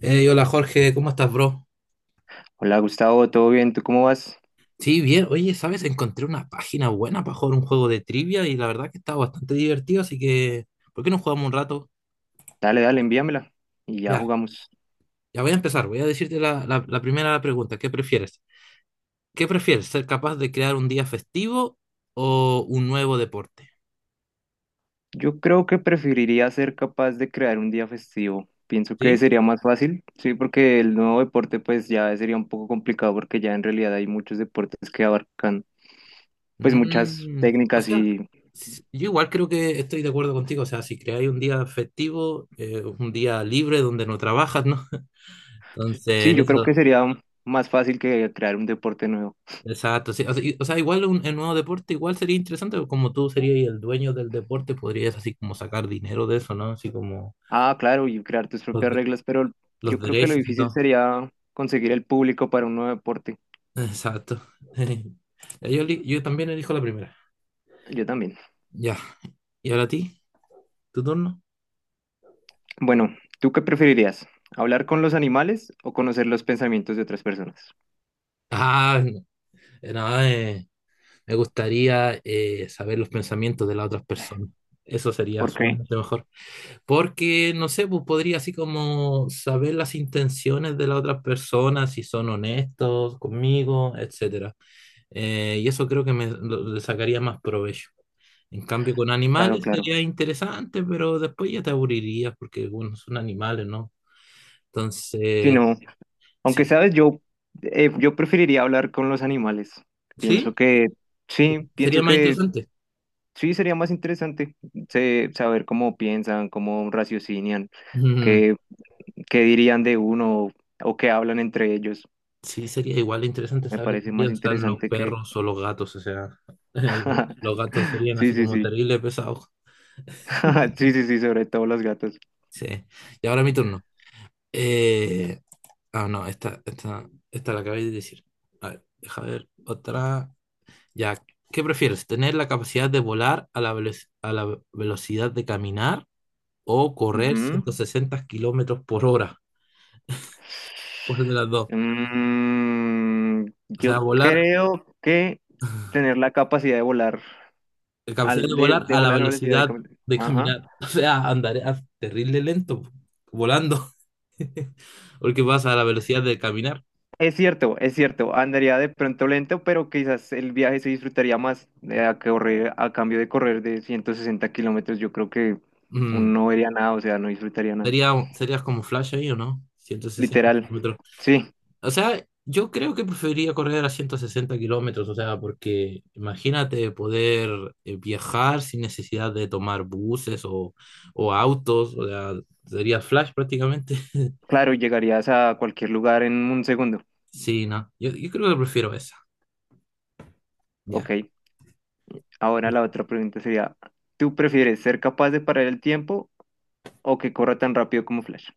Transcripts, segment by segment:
Hey, hola Jorge, ¿cómo estás, bro? Hola Gustavo, ¿todo bien? ¿Tú cómo vas? Sí, bien. Oye, ¿sabes? Encontré una página buena para jugar un juego de trivia y la verdad que está bastante divertido, así que, ¿por qué no jugamos un rato? Dale, dale, envíamela y ya Ya, jugamos. ya voy a empezar. Voy a decirte la primera pregunta. ¿Qué prefieres? ¿Ser capaz de crear un día festivo o un nuevo deporte? Yo creo que preferiría ser capaz de crear un día festivo. Pienso que ¿Sí? sería más fácil, sí, porque el nuevo deporte pues ya sería un poco complicado porque ya en realidad hay muchos deportes que abarcan pues muchas O técnicas sea, y yo igual creo que estoy de acuerdo contigo. O sea, si creáis un día festivo, un día libre donde no trabajas, ¿no? sí, Entonces, yo creo eso. que sería más fácil que crear un deporte nuevo. Exacto, sí. O sea, o sea, igual en nuevo deporte, igual sería interesante, porque como tú serías el dueño del deporte, podrías así como sacar dinero de eso, ¿no? Así como Ah, claro, y crear tus los, propias de- reglas, pero los yo creo que lo derechos y difícil todo. sería conseguir el público para un nuevo deporte. Exacto. Ya. Yo también elijo la primera. Yo también. Ya. ¿Y ahora a ti? ¿Tu turno? Bueno, ¿tú qué preferirías? ¿Hablar con los animales o conocer los pensamientos de otras personas? Ah, no, me gustaría saber los pensamientos de las otras personas. Eso sería Ok. sumamente mejor. Porque, no sé, pues podría así como saber las intenciones de las otras personas si son honestos conmigo, etcétera. Y eso creo que me le sacaría más provecho. En cambio, con Claro, animales sería claro. interesante, pero después ya te aburrirías porque, bueno, son animales, ¿no? Si no, Entonces, aunque sí, sabes, yo preferiría hablar con los animales. sí, Pienso que sí, sería pienso más que interesante. sí sería más interesante saber cómo piensan, cómo raciocinian, Mm, qué, qué dirían de uno o qué hablan entre ellos. sí, sería igual interesante Me saber parece qué más piensan los interesante que... perros o los gatos, o sea, los gatos serían Sí, así sí, como sí. terribles pesados. Sí, sí, sí, sobre todo los gatos. Sí. Y ahora mi turno. Eh, Ah, no, esta la acabáis de decir. A ver, deja ver otra. Ya, ¿qué prefieres? ¿Tener la capacidad de volar a la velocidad de caminar o correr Ujú. 160 kilómetros por hora? ¿Cuál de las dos? Mm, O sea, yo volar, creo que tener la capacidad de volar, la capacidad de al, de, volar de a la volar a la velocidad velocidad de Ajá. caminar. O sea, andaré terrible lento, volando, porque vas a la velocidad de caminar. Es cierto, es cierto. Andaría de pronto lento, pero quizás el viaje se disfrutaría más a cambio de correr de 160 kilómetros. Yo creo que uno Mm. no vería nada, o sea, no disfrutaría nada. Serías como Flash ahí, ¿o no? ciento sesenta Literal. kilómetros. Sí, O sea, yo creo que preferiría correr a 160 kilómetros, o sea, porque imagínate poder viajar sin necesidad de tomar buses o autos, o sea, sería Flash prácticamente. claro, llegarías a cualquier lugar en un segundo. Sí, no, yo creo que prefiero esa, Ok, ya. ahora la otra pregunta sería, ¿tú prefieres ser capaz de parar el tiempo o que corra tan rápido como Flash?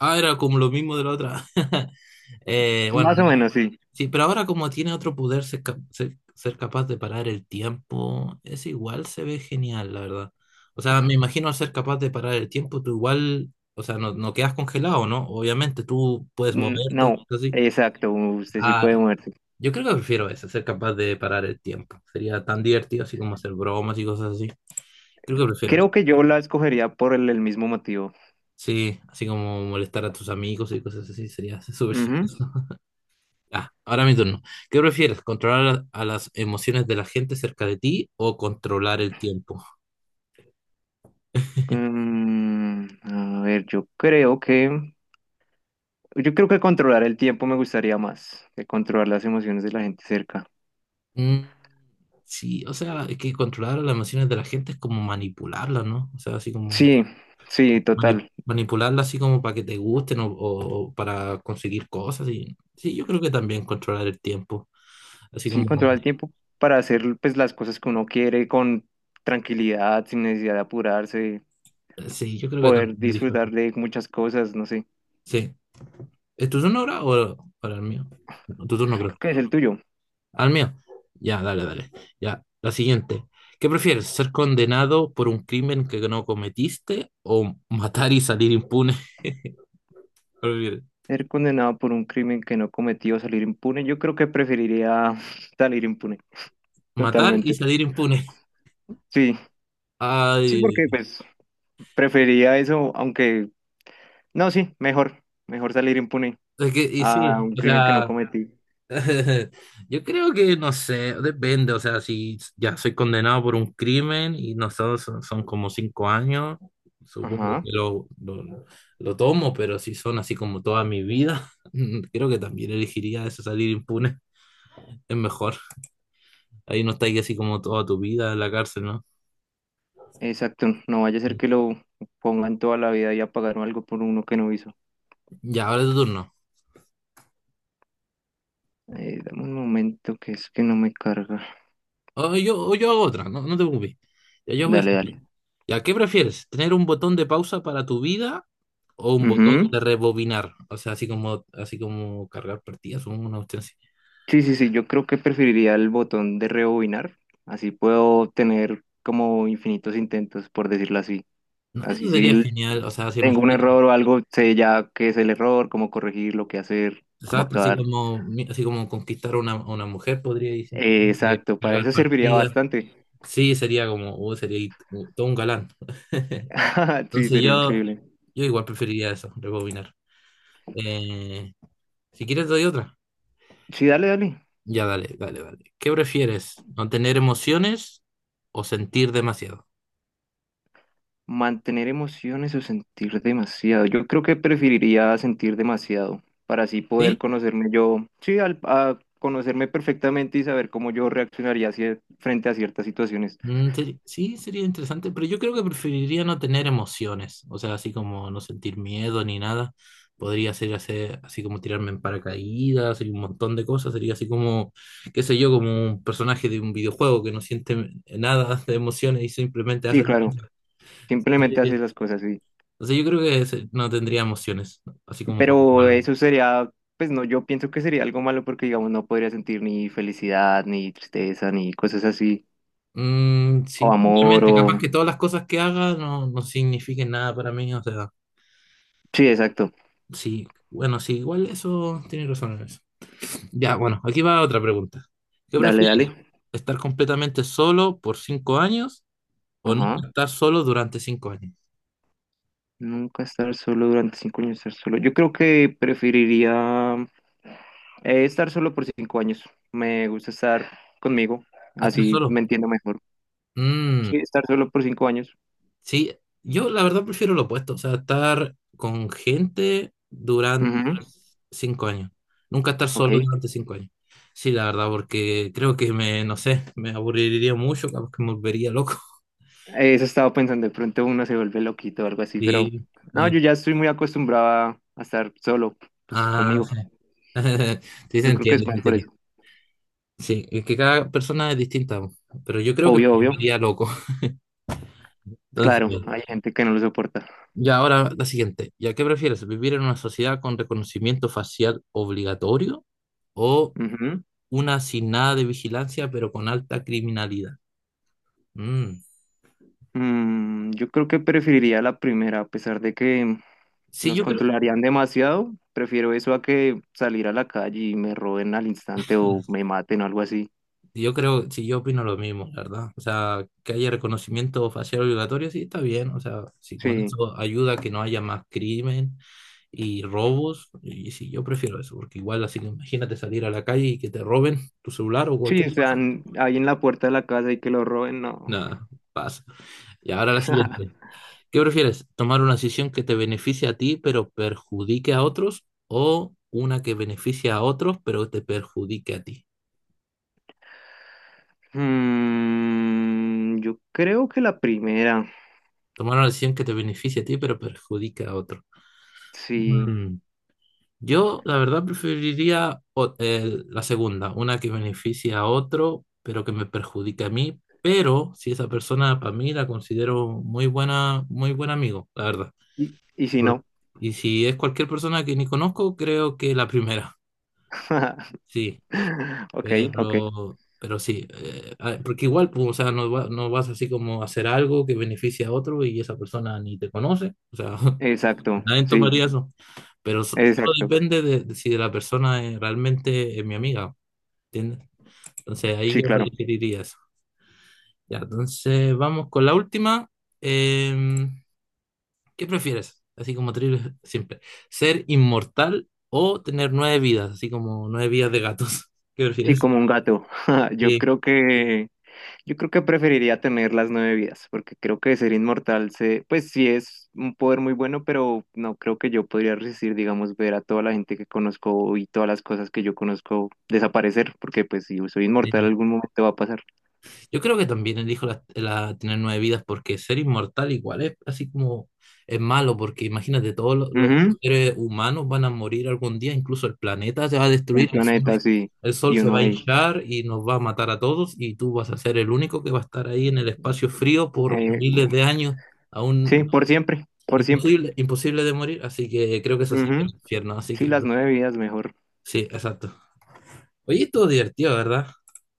Ah, era como lo mismo de la otra. Bueno. Más o menos, sí. Sí, pero ahora como tiene otro poder, ser capaz de parar el tiempo, es igual se ve genial, la verdad. O sea, me imagino al ser capaz de parar el tiempo, tú igual, o sea, no, no quedas congelado, ¿no? Obviamente, tú puedes Mm, moverte, No, así. exacto, usted sí Ah, puede moverse. yo creo que prefiero eso, ser capaz de parar el tiempo. Sería tan divertido así como hacer bromas y cosas así. Creo que prefiero eso. Creo que yo la escogería por el mismo motivo. Sí, así como molestar a tus amigos y cosas así, sería súper chistoso. Ujú. Ah, ahora mi turno. ¿Qué prefieres? ¿Controlar a las emociones de la gente cerca de ti o controlar el tiempo? A ver, yo creo que... Yo creo que controlar el tiempo me gustaría más que controlar las emociones de la gente cerca. Mm, sí, o sea, es que controlar las emociones de la gente es como manipularlas, ¿no? O sea, así como Sí, sí, mani- total. manipularlas así como para que te gusten o para conseguir cosas. Y, sí, yo creo que también controlar el tiempo. Así Sí, como, controlar el tiempo para hacer pues, las cosas que uno quiere con tranquilidad, sin necesidad de apurarse, sí, yo creo que poder también lo dijo. disfrutar de muchas cosas, no sé. Sí. ¿Es tu turno ahora o el mío? No, tu turno, Creo creo. que es el tuyo. ¿Al mío? Ya, dale, dale. Ya, la siguiente. ¿Qué prefieres, ser condenado por un crimen que no cometiste o matar y salir impune? ¿Qué prefieres? Ser condenado por un crimen que no cometió, salir impune. Yo creo que preferiría salir impune, Matar y totalmente. salir impune. Sí, sí, Ay, porque pues preferiría eso, aunque no, sí, mejor, mejor salir impune es que, y a sí, un o crimen que no sea, cometí. yo creo que, no sé, depende, o sea, si ya soy condenado por un crimen y no sé, son como 5 años, supongo Ajá, que lo tomo, pero si son así como toda mi vida, creo que también elegiría eso, salir impune. Es mejor. Ahí no estáis así como toda tu vida en la cárcel, ¿no? exacto. No vaya a ser que lo pongan toda la vida y a pagar algo por uno que no hizo. Ya, ahora es tu turno. Dame un momento que es que no me carga. O yo hago otra, no, no te preocupes. Ya, yo voy a Dale, hacer- dale. ya, ¿qué prefieres? ¿Tener un botón de pausa para tu vida o un botón Ujú. de rebobinar? O sea, así como cargar partidas, supongo, una cuestión así. Sí, sí, sí, yo creo que preferiría el botón de rebobinar, así puedo tener como infinitos intentos, por decirlo así. No, Así eso si sería l- genial. O sea, si tengo un imagínate, error o algo, sé ya qué es el error, cómo corregirlo, qué hacer, cómo ¿sabes? Actuar. Así como conquistar a una mujer, podría ir Eh, simplemente exacto, para cargar eso serviría partidas. bastante. Sí, sería como, oh, sería todo un galán. Sí, Entonces sería yo, increíble. yo igual preferiría eso, rebobinar. Eh, si quieres doy otra. Sí, dale, dale. Ya, dale, dale, dale. ¿Qué prefieres? ¿No tener emociones o sentir demasiado? Mantener emociones o sentir demasiado. Yo creo que preferiría sentir demasiado para así poder ¿Sí? conocerme yo, sí, a conocerme perfectamente y saber cómo yo reaccionaría frente a ciertas situaciones. Sí, sería interesante, pero yo creo que preferiría no tener emociones. O sea, así como no sentir miedo ni nada. Podría ser hacer, así como tirarme en paracaídas y un montón de cosas. Sería así como, qué sé yo, como un personaje de un videojuego que no siente nada de emociones y simplemente Sí, hace. claro, simplemente haces las cosas, sí. O sea, yo creo que no tendría emociones, ¿no? Así como Juan Pero Pablo. eso sería, pues no, yo pienso que sería algo malo porque, digamos, no podría sentir ni felicidad, ni tristeza, ni cosas así, Mm, o sí, amor, obviamente, capaz que o... todas las cosas que haga no, no signifiquen nada para mí, o sea, Sí, exacto. sí, bueno, sí, igual eso tiene razón en eso. Ya, bueno, aquí va otra pregunta. ¿Qué Dale, dale. prefieres? ¿Estar completamente solo por 5 años o Ajá. nunca estar solo durante 5 años? Nunca estar solo durante 5 años, estar solo. Yo creo que preferiría estar solo por 5 años. Me gusta estar conmigo, ¿Estar así me solo? entiendo mejor. Mm. Sí, estar solo por 5 años. Sí, yo la verdad prefiero lo opuesto, o sea, estar con gente durante Ujú. 5 años, nunca estar Ok. solo durante cinco años. Sí, la verdad, porque creo que me, no sé, me aburriría mucho, capaz que me volvería loco. Eso estaba pensando, de pronto uno se vuelve loquito o algo así, pero Sí, no, eh, yo ya estoy muy acostumbrada a estar solo, pues ah, conmigo. sí, se Yo creo que es entiende, se más por entiende. eso. Sí, es que cada persona es distinta, pero yo creo que me Obvio, obvio. volvería loco. Claro, hay Entonces, gente que no lo soporta. ya ahora la siguiente. ¿Ya qué prefieres? ¿Vivir en una sociedad con reconocimiento facial obligatorio o una sin nada de vigilancia, pero con alta criminalidad? Mm. Yo creo que preferiría la primera, a pesar de que Sí, nos yo creo, controlarían demasiado. Prefiero eso a que salir a la calle y me roben al instante o me maten o algo así. yo creo, sí, yo opino lo mismo, la verdad. O sea, que haya reconocimiento facial obligatorio, sí, está bien. O sea, si con Sí, eso ayuda a que no haya más crimen y robos, y sí, yo prefiero eso, porque igual así que imagínate salir a la calle y que te roben tu celular o sí, cualquier cosa. están ahí en la puerta de la casa y que lo roben, no. Nada, pasa. Y ahora la siguiente. ¿Qué prefieres? ¿Tomar una decisión que te beneficie a ti pero perjudique a otros o una que beneficie a otros pero te perjudique a ti? Yo creo que la primera, Tomar una decisión que te beneficie a ti pero perjudique a otros. sí. Mm, Yo, la verdad, preferiría la segunda, una que beneficie a otro pero que me perjudique a mí, pero si esa persona para mí la considero muy buena, muy buen amigo, la verdad. ¿Y si Por- no? Y si es cualquier persona que ni conozco, creo que la primera. Sí. Ok, ok. Pero sí, porque igual, pues, o sea, no, no vas así como a hacer algo que beneficie a otro y esa persona ni te conoce, o sea, Exacto, nadie sí, tomaría eso, pero solo exacto. depende de si la persona es realmente es mi amiga, ¿entiendes? Entonces ahí Sí, yo claro. diría eso. Ya, entonces vamos con la última. Eh, ¿qué prefieres? Así como trivial, simple. ¿Ser inmortal o tener 9 vidas? Así como 9 vidas de gatos. ¿Qué Sí, prefieres? como un gato. Yo Sí. creo que, yo creo que preferiría tener las nueve vidas, porque creo que ser inmortal pues sí es un poder muy bueno, pero no creo que yo podría resistir, digamos, ver a toda la gente que conozco y todas las cosas que yo conozco desaparecer, porque pues si yo soy inmortal, Sí. algún momento va a pasar. Yo creo que también elijo tener 9 vidas porque ser inmortal igual es así como es malo porque imagínate todos los Ujú. seres humanos van a morir algún día, incluso el planeta se va a destruir, El el planeta, sol, sí, el sol y se va uno a ahí. hinchar y nos va a matar a todos y tú vas a ser el único que va a estar ahí en el espacio frío por Eh, miles de años, sí, aún por siempre, por siempre. imposible, imposible de morir, así que creo que eso sería Ujú. el infierno, así Sí, que las nueve vidas mejor. sí, exacto. Oye, estuvo divertido, ¿verdad?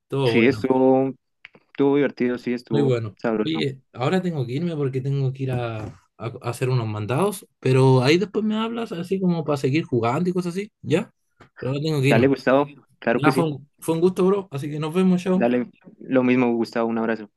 Estuvo Sí, bueno. estuvo divertido, sí, Muy estuvo bueno. sabroso. Oye, ahora tengo que irme porque tengo que ir a hacer unos mandados, pero ahí después me hablas así como para seguir jugando y cosas así, ¿ya? Pero ahora tengo que irme. Dale, Gustavo, claro que Ya fue sí. un, fue un gusto, bro, así que nos vemos, chao. Dale, lo mismo, Gustavo, un abrazo.